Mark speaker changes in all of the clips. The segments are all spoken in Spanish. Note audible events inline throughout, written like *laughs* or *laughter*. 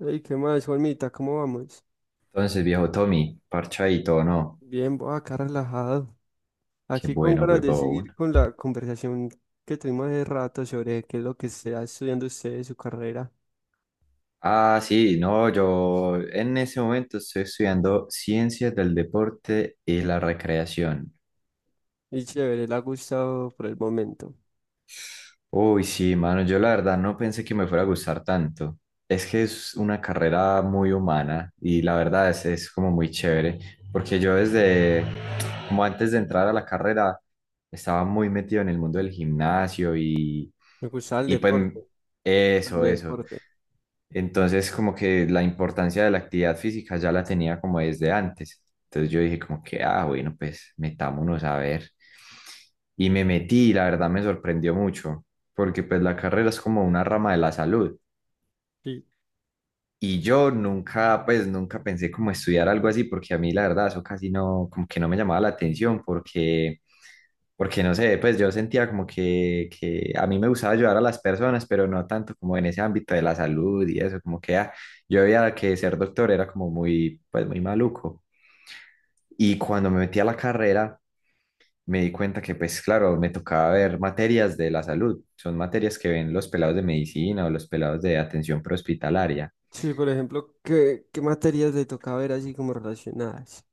Speaker 1: Ey, ¿qué más, Juanmita? ¿Cómo vamos?
Speaker 2: Entonces, viejo Tommy, parchadito, o ¿no?
Speaker 1: Bien, voy acá relajado.
Speaker 2: Qué
Speaker 1: Aquí con
Speaker 2: bueno,
Speaker 1: ganas de seguir
Speaker 2: huevón.
Speaker 1: con la conversación que tuvimos hace rato sobre qué es lo que está estudiando usted de su carrera.
Speaker 2: Ah, sí, no, yo en ese momento estoy estudiando Ciencias del Deporte y la Recreación.
Speaker 1: Y chévere, le ha gustado por el momento.
Speaker 2: Uy, sí, mano, yo la verdad no pensé que me fuera a gustar tanto. Es que es una carrera muy humana y la verdad es como muy chévere, porque yo desde, como antes de entrar a la carrera, estaba muy metido en el mundo del gimnasio y,
Speaker 1: Me gusta el
Speaker 2: y pues
Speaker 1: deporte, el
Speaker 2: eso, eso.
Speaker 1: deporte.
Speaker 2: Entonces como que la importancia de la actividad física ya la tenía como desde antes. Entonces yo dije como que, ah, bueno, pues metámonos a ver. Y me metí, y la verdad me sorprendió mucho porque pues la carrera es como una rama de la salud.
Speaker 1: Sí.
Speaker 2: Y yo nunca, pues nunca pensé como estudiar algo así, porque a mí la verdad eso casi no, como que no me llamaba la atención, porque no sé, pues yo sentía como que a mí me gustaba ayudar a las personas, pero no tanto como en ese ámbito de la salud y eso, como que ah, yo veía que ser doctor era como muy, pues muy maluco. Y cuando me metí a la carrera, me di cuenta que, pues claro, me tocaba ver materias de la salud. Son materias que ven los pelados de medicina o los pelados de atención prehospitalaria.
Speaker 1: Sí, por ejemplo, ¿qué materias le toca ver así como relacionadas?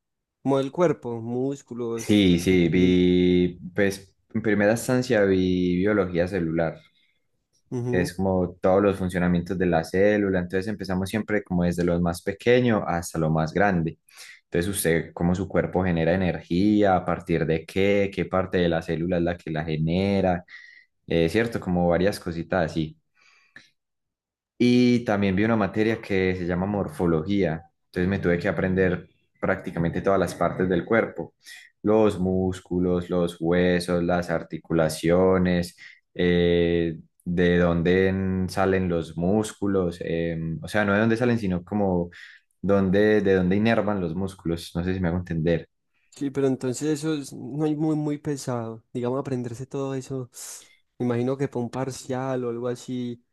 Speaker 1: Como el cuerpo, músculos,
Speaker 2: Sí,
Speaker 1: cosas
Speaker 2: sí,
Speaker 1: así.
Speaker 2: vi, pues en primera instancia vi biología celular, que
Speaker 1: Ujú.
Speaker 2: es como todos los funcionamientos de la célula. Entonces empezamos siempre como desde lo más pequeño hasta lo más grande. Entonces usted, cómo su cuerpo genera energía, a partir de qué parte de la célula es la que la genera, ¿cierto? Como varias cositas así. Y también vi una materia que se llama morfología. Entonces me tuve que aprender prácticamente todas las partes del cuerpo, los músculos, los huesos, las articulaciones, eh, de dónde salen los músculos, o sea, no de dónde salen, sino como dónde, de dónde inervan los músculos. No sé si me hago entender.
Speaker 1: Sí, pero entonces no hay muy pesado. Digamos, aprenderse todo eso. Me imagino que para un parcial o algo así,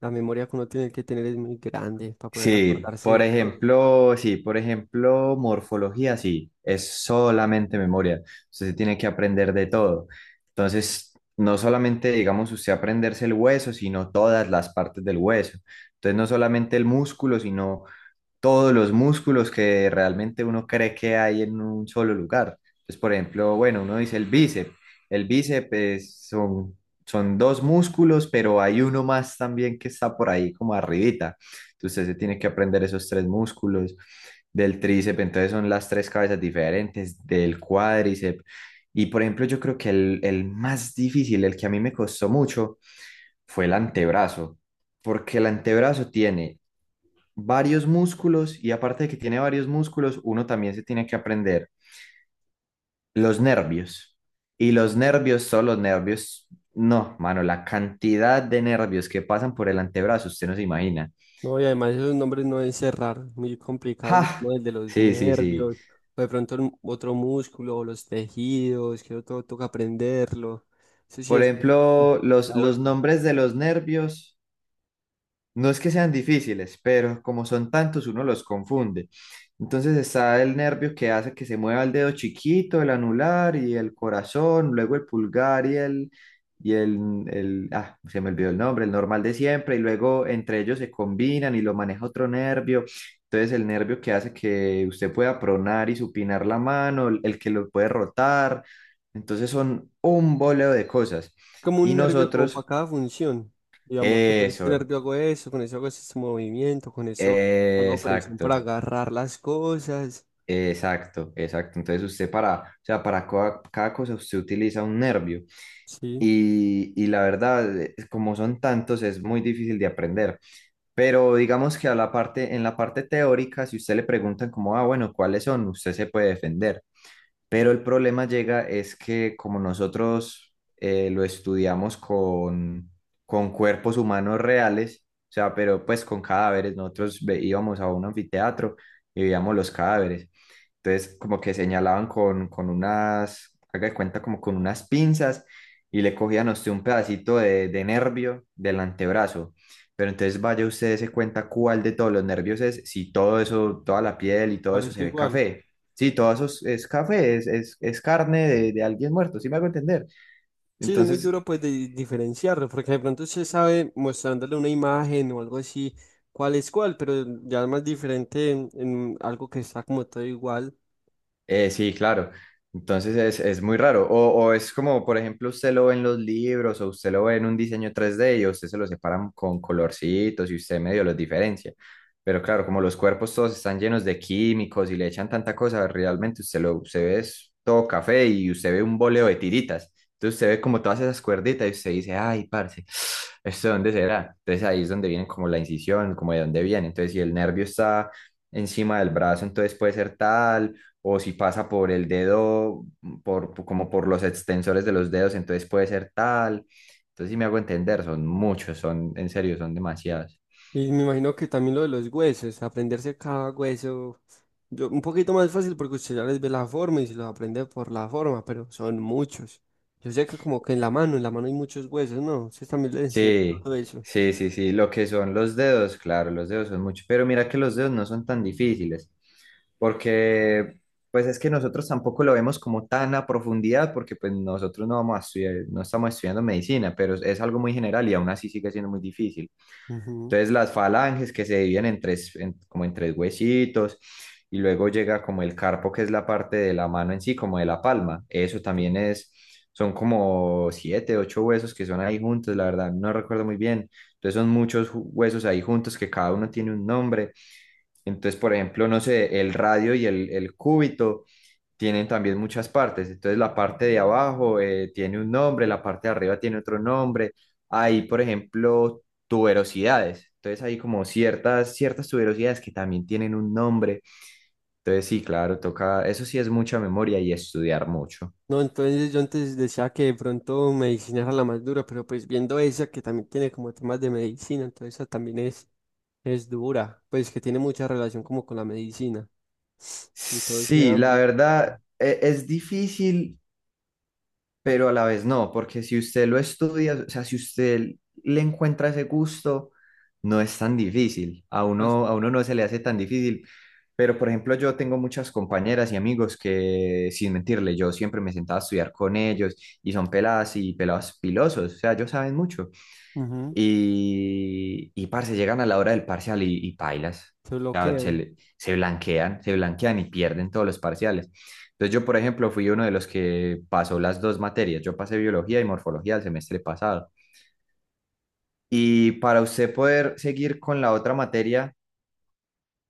Speaker 1: la memoria que uno tiene que tener es muy grande para poder
Speaker 2: Sí,
Speaker 1: acordarse
Speaker 2: por
Speaker 1: de todo.
Speaker 2: ejemplo, sí, por ejemplo, morfología, sí, es solamente memoria. Usted se tiene que aprender de todo. Entonces, no solamente, digamos, usted aprenderse el hueso, sino todas las partes del hueso. Entonces, no solamente el músculo, sino todos los músculos que realmente uno cree que hay en un solo lugar. Entonces, por ejemplo, bueno, uno dice el bíceps. El bíceps son dos músculos, pero hay uno más también que está por ahí como arribita. Entonces, se tiene que aprender esos tres músculos del tríceps, entonces son las tres cabezas diferentes del cuádriceps. Y por ejemplo, yo creo que el más difícil, el que a mí me costó mucho, fue el antebrazo, porque el antebrazo tiene varios músculos y aparte de que tiene varios músculos, uno también se tiene que aprender los nervios. Y los nervios, solo los nervios, no, mano, la cantidad de nervios que pasan por el antebrazo, usted no se imagina.
Speaker 1: No, y además esos nombres no deben ser raros, muy complicados, como
Speaker 2: ¡Ja!
Speaker 1: el de los
Speaker 2: Sí, sí, sí.
Speaker 1: nervios, o de pronto el otro músculo, o los tejidos, que todo toca aprenderlo. Eso sí
Speaker 2: Por
Speaker 1: es *laughs*
Speaker 2: ejemplo, los,
Speaker 1: la
Speaker 2: los
Speaker 1: vuelta.
Speaker 2: nombres de los nervios no es que sean difíciles, pero como son tantos, uno los confunde. Entonces está el nervio que hace que se mueva el dedo chiquito, el anular y el corazón, luego el pulgar y el, ah, se me olvidó el nombre, el normal de siempre, y luego entre ellos se combinan y lo maneja otro nervio. Entonces el nervio que hace que usted pueda pronar y supinar la mano, el que lo puede rotar. Entonces son un boleo de cosas.
Speaker 1: Como
Speaker 2: Y
Speaker 1: un nervio como para
Speaker 2: nosotros,
Speaker 1: cada función. Digamos, *laughs* con este
Speaker 2: eso,
Speaker 1: nervio hago eso, con eso hago ese movimiento, con eso hago presión para
Speaker 2: exacto.
Speaker 1: agarrar las cosas.
Speaker 2: Exacto, exacto. Entonces usted para, o sea, para cada cosa usted utiliza un nervio
Speaker 1: Sí,
Speaker 2: y la verdad, como son tantos, es muy difícil de aprender. Pero digamos que en la parte teórica, si usted le preguntan como, ah, bueno, ¿cuáles son? Usted se puede defender. Pero el problema llega es que como nosotros lo estudiamos con cuerpos humanos reales, o sea, pero pues con cadáveres, nosotros íbamos a un anfiteatro y veíamos los cadáveres entonces, como que señalaban con unas, haga de cuenta, como con unas pinzas y le cogían a usted un pedacito de nervio del antebrazo. Pero entonces vaya usted se cuenta cuál de todos los nervios es, si todo eso, toda la piel y todo eso se
Speaker 1: parece
Speaker 2: ve
Speaker 1: igual.
Speaker 2: café. Sí, todo eso es café, es carne de alguien muerto, ¿sí me hago entender?
Speaker 1: Sí, es muy
Speaker 2: Entonces,
Speaker 1: duro pues de diferenciarlo, porque de pronto se sabe mostrándole una imagen o algo así, cuál es cuál, pero ya es más diferente en algo que está como todo igual.
Speaker 2: Sí, claro. Entonces es muy raro. O es como, por ejemplo, usted lo ve en los libros o usted lo ve en un diseño 3D y a usted se lo separan con colorcitos y usted medio los diferencia. Pero claro, como los cuerpos todos están llenos de químicos y le echan tanta cosa, realmente usted ve es todo café y usted ve un boleo de tiritas. Entonces usted ve como todas esas cuerditas y usted dice, ay, parce, *sniffs* ¿esto de dónde será? Entonces ahí es donde viene como la incisión, como de dónde viene. Entonces si el nervio está encima del brazo, entonces puede ser tal o si pasa por el dedo, como por los extensores de los dedos, entonces puede ser tal. Entonces, sí me hago entender, son muchos, son, en serio, son demasiados.
Speaker 1: Y me imagino que también lo de los huesos, aprenderse cada hueso, yo, un poquito más fácil porque usted ya les ve la forma y se los aprende por la forma, pero son muchos. Yo sé que como que en la mano hay muchos huesos, ¿no? Ustedes también les enseñan
Speaker 2: Sí,
Speaker 1: todo eso.
Speaker 2: sí, sí, sí, lo que son los dedos, claro, los dedos son muchos, pero mira que los dedos no son tan difíciles, porque pues es que nosotros tampoco lo vemos como tan a profundidad, porque pues nosotros no vamos a estudiar, no estamos estudiando medicina, pero es algo muy general y aún así sigue siendo muy difícil.
Speaker 1: Ujú,
Speaker 2: Entonces las falanges que se dividen en tres, como en tres huesitos, y luego llega como el carpo, que es la parte de la mano en sí, como de la palma. Eso
Speaker 1: sí.
Speaker 2: también es, son como siete, ocho huesos que son ahí juntos, la verdad, no recuerdo muy bien. Entonces son muchos huesos ahí juntos que cada uno tiene un nombre. Entonces, por ejemplo, no sé, el radio y el cúbito tienen también muchas partes. Entonces la parte de abajo tiene un nombre, la parte de arriba tiene otro nombre. Hay, por ejemplo, tuberosidades. Entonces hay como ciertas, ciertas tuberosidades que también tienen un nombre. Entonces sí, claro, toca, eso sí es mucha memoria y estudiar mucho.
Speaker 1: No, entonces yo antes decía que de pronto medicina era la más dura, pero pues viendo esa que también tiene como temas de medicina, entonces esa también es dura, pues que tiene mucha relación como con la medicina. Entonces,
Speaker 2: Sí, la
Speaker 1: ámbito y todo.
Speaker 2: verdad, es difícil pero a la vez no, porque si usted lo estudia, o sea, si usted le encuentra ese gusto, no es tan difícil, a
Speaker 1: Pues,
Speaker 2: uno, a uno no se le hace tan difícil, pero por ejemplo yo tengo muchas compañeras y amigos que, sin mentirle, yo siempre me sentaba a estudiar con ellos y son peladas y pelados pilosos, o sea, ellos saben mucho,
Speaker 1: ujú.
Speaker 2: y parce, llegan a la hora del parcial y pailas.
Speaker 1: Se
Speaker 2: O sea,
Speaker 1: bloquean.
Speaker 2: se blanquean y pierden todos los parciales. Entonces yo, por ejemplo, fui uno de los que pasó las dos materias. Yo pasé biología y morfología el semestre pasado. Y para usted poder seguir con la otra materia,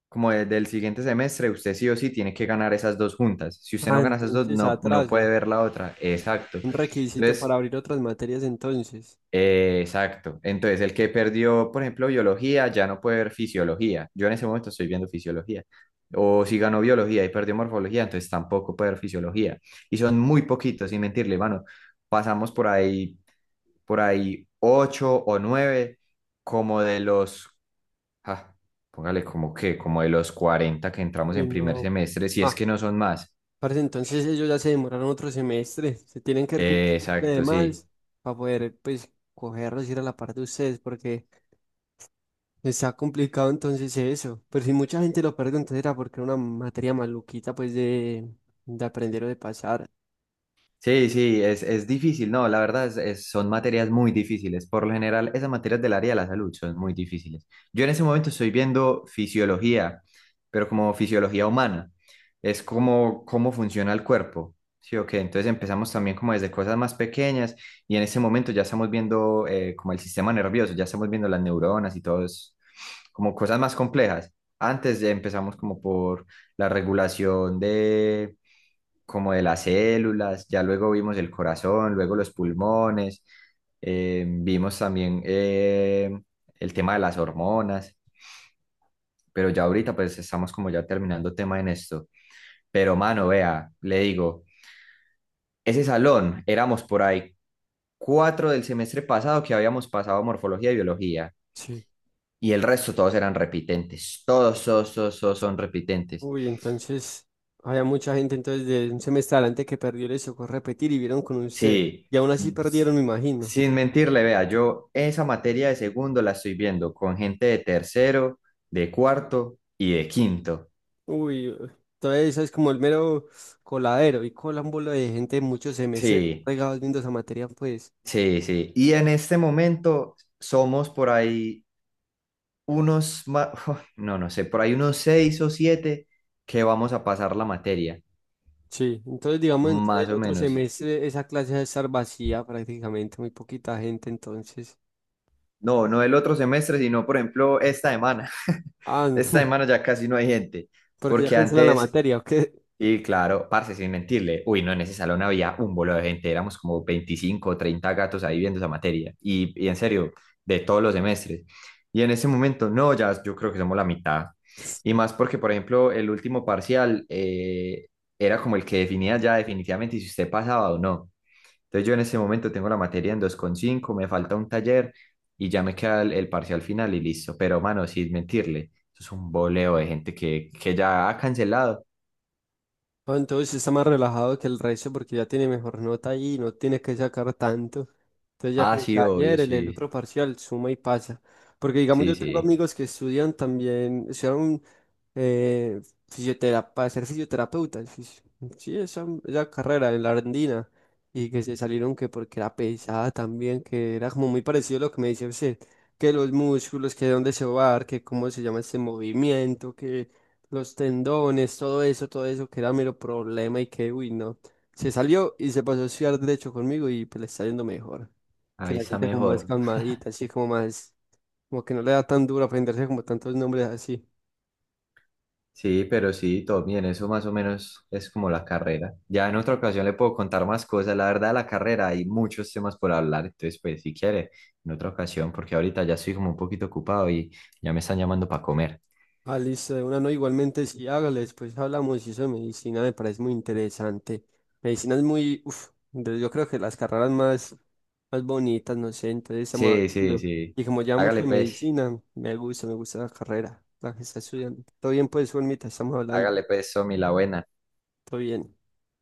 Speaker 2: como del siguiente semestre, usted sí o sí tiene que ganar esas dos juntas. Si usted
Speaker 1: Ah,
Speaker 2: no gana esas dos,
Speaker 1: entonces
Speaker 2: no, no puede
Speaker 1: atrasa.
Speaker 2: ver la otra. Exacto.
Speaker 1: Un requisito para
Speaker 2: Entonces,
Speaker 1: abrir otras materias entonces.
Speaker 2: Exacto. Entonces, el que perdió, por ejemplo, biología, ya no puede ver fisiología. Yo en ese momento estoy viendo fisiología. O si ganó biología y perdió morfología, entonces tampoco puede ver fisiología. Y son muy poquitos, sin mentirle, mano. Pasamos por ahí ocho o nueve, como de los, ah, póngale como que, como de los 40 que entramos
Speaker 1: Uy,
Speaker 2: en primer
Speaker 1: no.
Speaker 2: semestre, si es
Speaker 1: Ah,
Speaker 2: que no son más.
Speaker 1: parece entonces ellos ya se demoraron otro semestre. Se tienen que ver con un semestre de
Speaker 2: Exacto, sí.
Speaker 1: más para poder, pues, cogerlos y ir a la par de ustedes porque está complicado entonces eso. Pero si mucha gente lo perdió, entonces era porque era una materia maluquita, pues, de aprender o de pasar.
Speaker 2: Sí, sí, es difícil, no, la verdad son materias muy difíciles. Por lo general, esas materias del área de la salud son muy difíciles. Yo en ese momento estoy viendo fisiología, pero como fisiología humana. Es como cómo funciona el cuerpo. Sí, ¿o qué? Entonces empezamos también como desde cosas más pequeñas y en ese momento ya estamos viendo como el sistema nervioso, ya estamos viendo las neuronas y todo eso, como cosas más complejas. Antes ya empezamos como por la regulación de como de las células, ya luego vimos el corazón, luego los pulmones, vimos también el tema de las hormonas, pero ya ahorita pues estamos como ya terminando tema en esto. Pero mano, vea, le digo, ese salón éramos por ahí cuatro del semestre pasado que habíamos pasado morfología y biología.
Speaker 1: Sí.
Speaker 2: Y el resto todos eran repitentes, todos, todos, todos, todos son repitentes.
Speaker 1: Uy, entonces había mucha gente entonces de un semestre adelante que perdió, les tocó repetir y vieron con usted.
Speaker 2: Sí,
Speaker 1: Y aún así perdieron,
Speaker 2: s-
Speaker 1: me imagino.
Speaker 2: sin mentirle, vea, yo esa materia de segundo la estoy viendo con gente de tercero, de cuarto y de quinto.
Speaker 1: Uy, todo eso es como el mero coladero y colan bola de gente de muchos semestres
Speaker 2: Sí,
Speaker 1: regados viendo esa materia, pues.
Speaker 2: sí, sí. Y en este momento somos por ahí unos, *laughs* no, no sé, por ahí unos seis o siete que vamos a pasar la materia,
Speaker 1: Sí, entonces digamos, entonces
Speaker 2: más
Speaker 1: el
Speaker 2: o
Speaker 1: otro
Speaker 2: menos.
Speaker 1: semestre esa clase va a estar vacía prácticamente, muy poquita gente entonces.
Speaker 2: No, no el otro semestre, sino por ejemplo esta semana. *laughs*
Speaker 1: Ah,
Speaker 2: Esta
Speaker 1: *laughs*
Speaker 2: semana ya casi no hay gente,
Speaker 1: porque ya
Speaker 2: porque
Speaker 1: cancelan la
Speaker 2: antes.
Speaker 1: materia, ¿o qué?
Speaker 2: Y claro, parce, sin mentirle, uy, no, en ese salón había un bolo de gente, éramos como 25 o 30 gatos ahí viendo esa materia, y en serio, de todos los semestres. Y en ese momento, no, ya yo creo que somos la mitad. Y más porque, por ejemplo, el último parcial era como el que definía ya definitivamente si usted pasaba o no. Entonces yo en ese momento tengo la materia en 2,5, me falta un taller y ya me queda el parcial final y listo. Pero, mano, sin mentirle, eso es un boleo de gente que ya ha cancelado.
Speaker 1: Ah, entonces está más relajado que el resto porque ya tiene mejor nota ahí y no tiene que sacar tanto. Entonces ya
Speaker 2: Ah,
Speaker 1: con el
Speaker 2: sí, obvio,
Speaker 1: taller, el
Speaker 2: sí.
Speaker 1: otro parcial, suma y pasa. Porque digamos,
Speaker 2: Sí,
Speaker 1: yo tengo
Speaker 2: sí.
Speaker 1: amigos que estudian también, estudiaron eh, para ser fisioterapeuta. Sí, sí, esa carrera en la Argentina. Y que se salieron que porque era pesada también, que era como muy parecido a lo que me dice usted, que los músculos, que de dónde se va a dar, que cómo se llama ese movimiento, que los tendones, todo eso, que era mero problema y que, uy, no. Se salió y se pasó a estudiar derecho conmigo y pues le está yendo mejor. Que
Speaker 2: Ahí
Speaker 1: la
Speaker 2: está
Speaker 1: gente como más, bueno,
Speaker 2: mejor.
Speaker 1: calmadita, así como más, como que no le da tan duro aprenderse como tantos nombres así.
Speaker 2: Sí, pero sí, todo bien. Eso más o menos es como la carrera. Ya en otra ocasión le puedo contar más cosas. La verdad, la carrera hay muchos temas por hablar. Entonces, pues, si quiere, en otra ocasión, porque ahorita ya estoy como un poquito ocupado y ya me están llamando para comer.
Speaker 1: Ah, listo, de una no, igualmente sí, hágale, después hablamos y eso de medicina me parece muy interesante. Medicina es muy, uff, yo creo que las carreras más, más bonitas, no sé, entonces estamos
Speaker 2: Sí, sí,
Speaker 1: hablando.
Speaker 2: sí.
Speaker 1: Y como ya mucho
Speaker 2: Hágale
Speaker 1: de
Speaker 2: pues,
Speaker 1: medicina, me gusta la carrera, la que está estudiando. Todo bien, pues, Juanmita, estamos hablando,
Speaker 2: hágale pues, Somi, la buena.
Speaker 1: todo bien.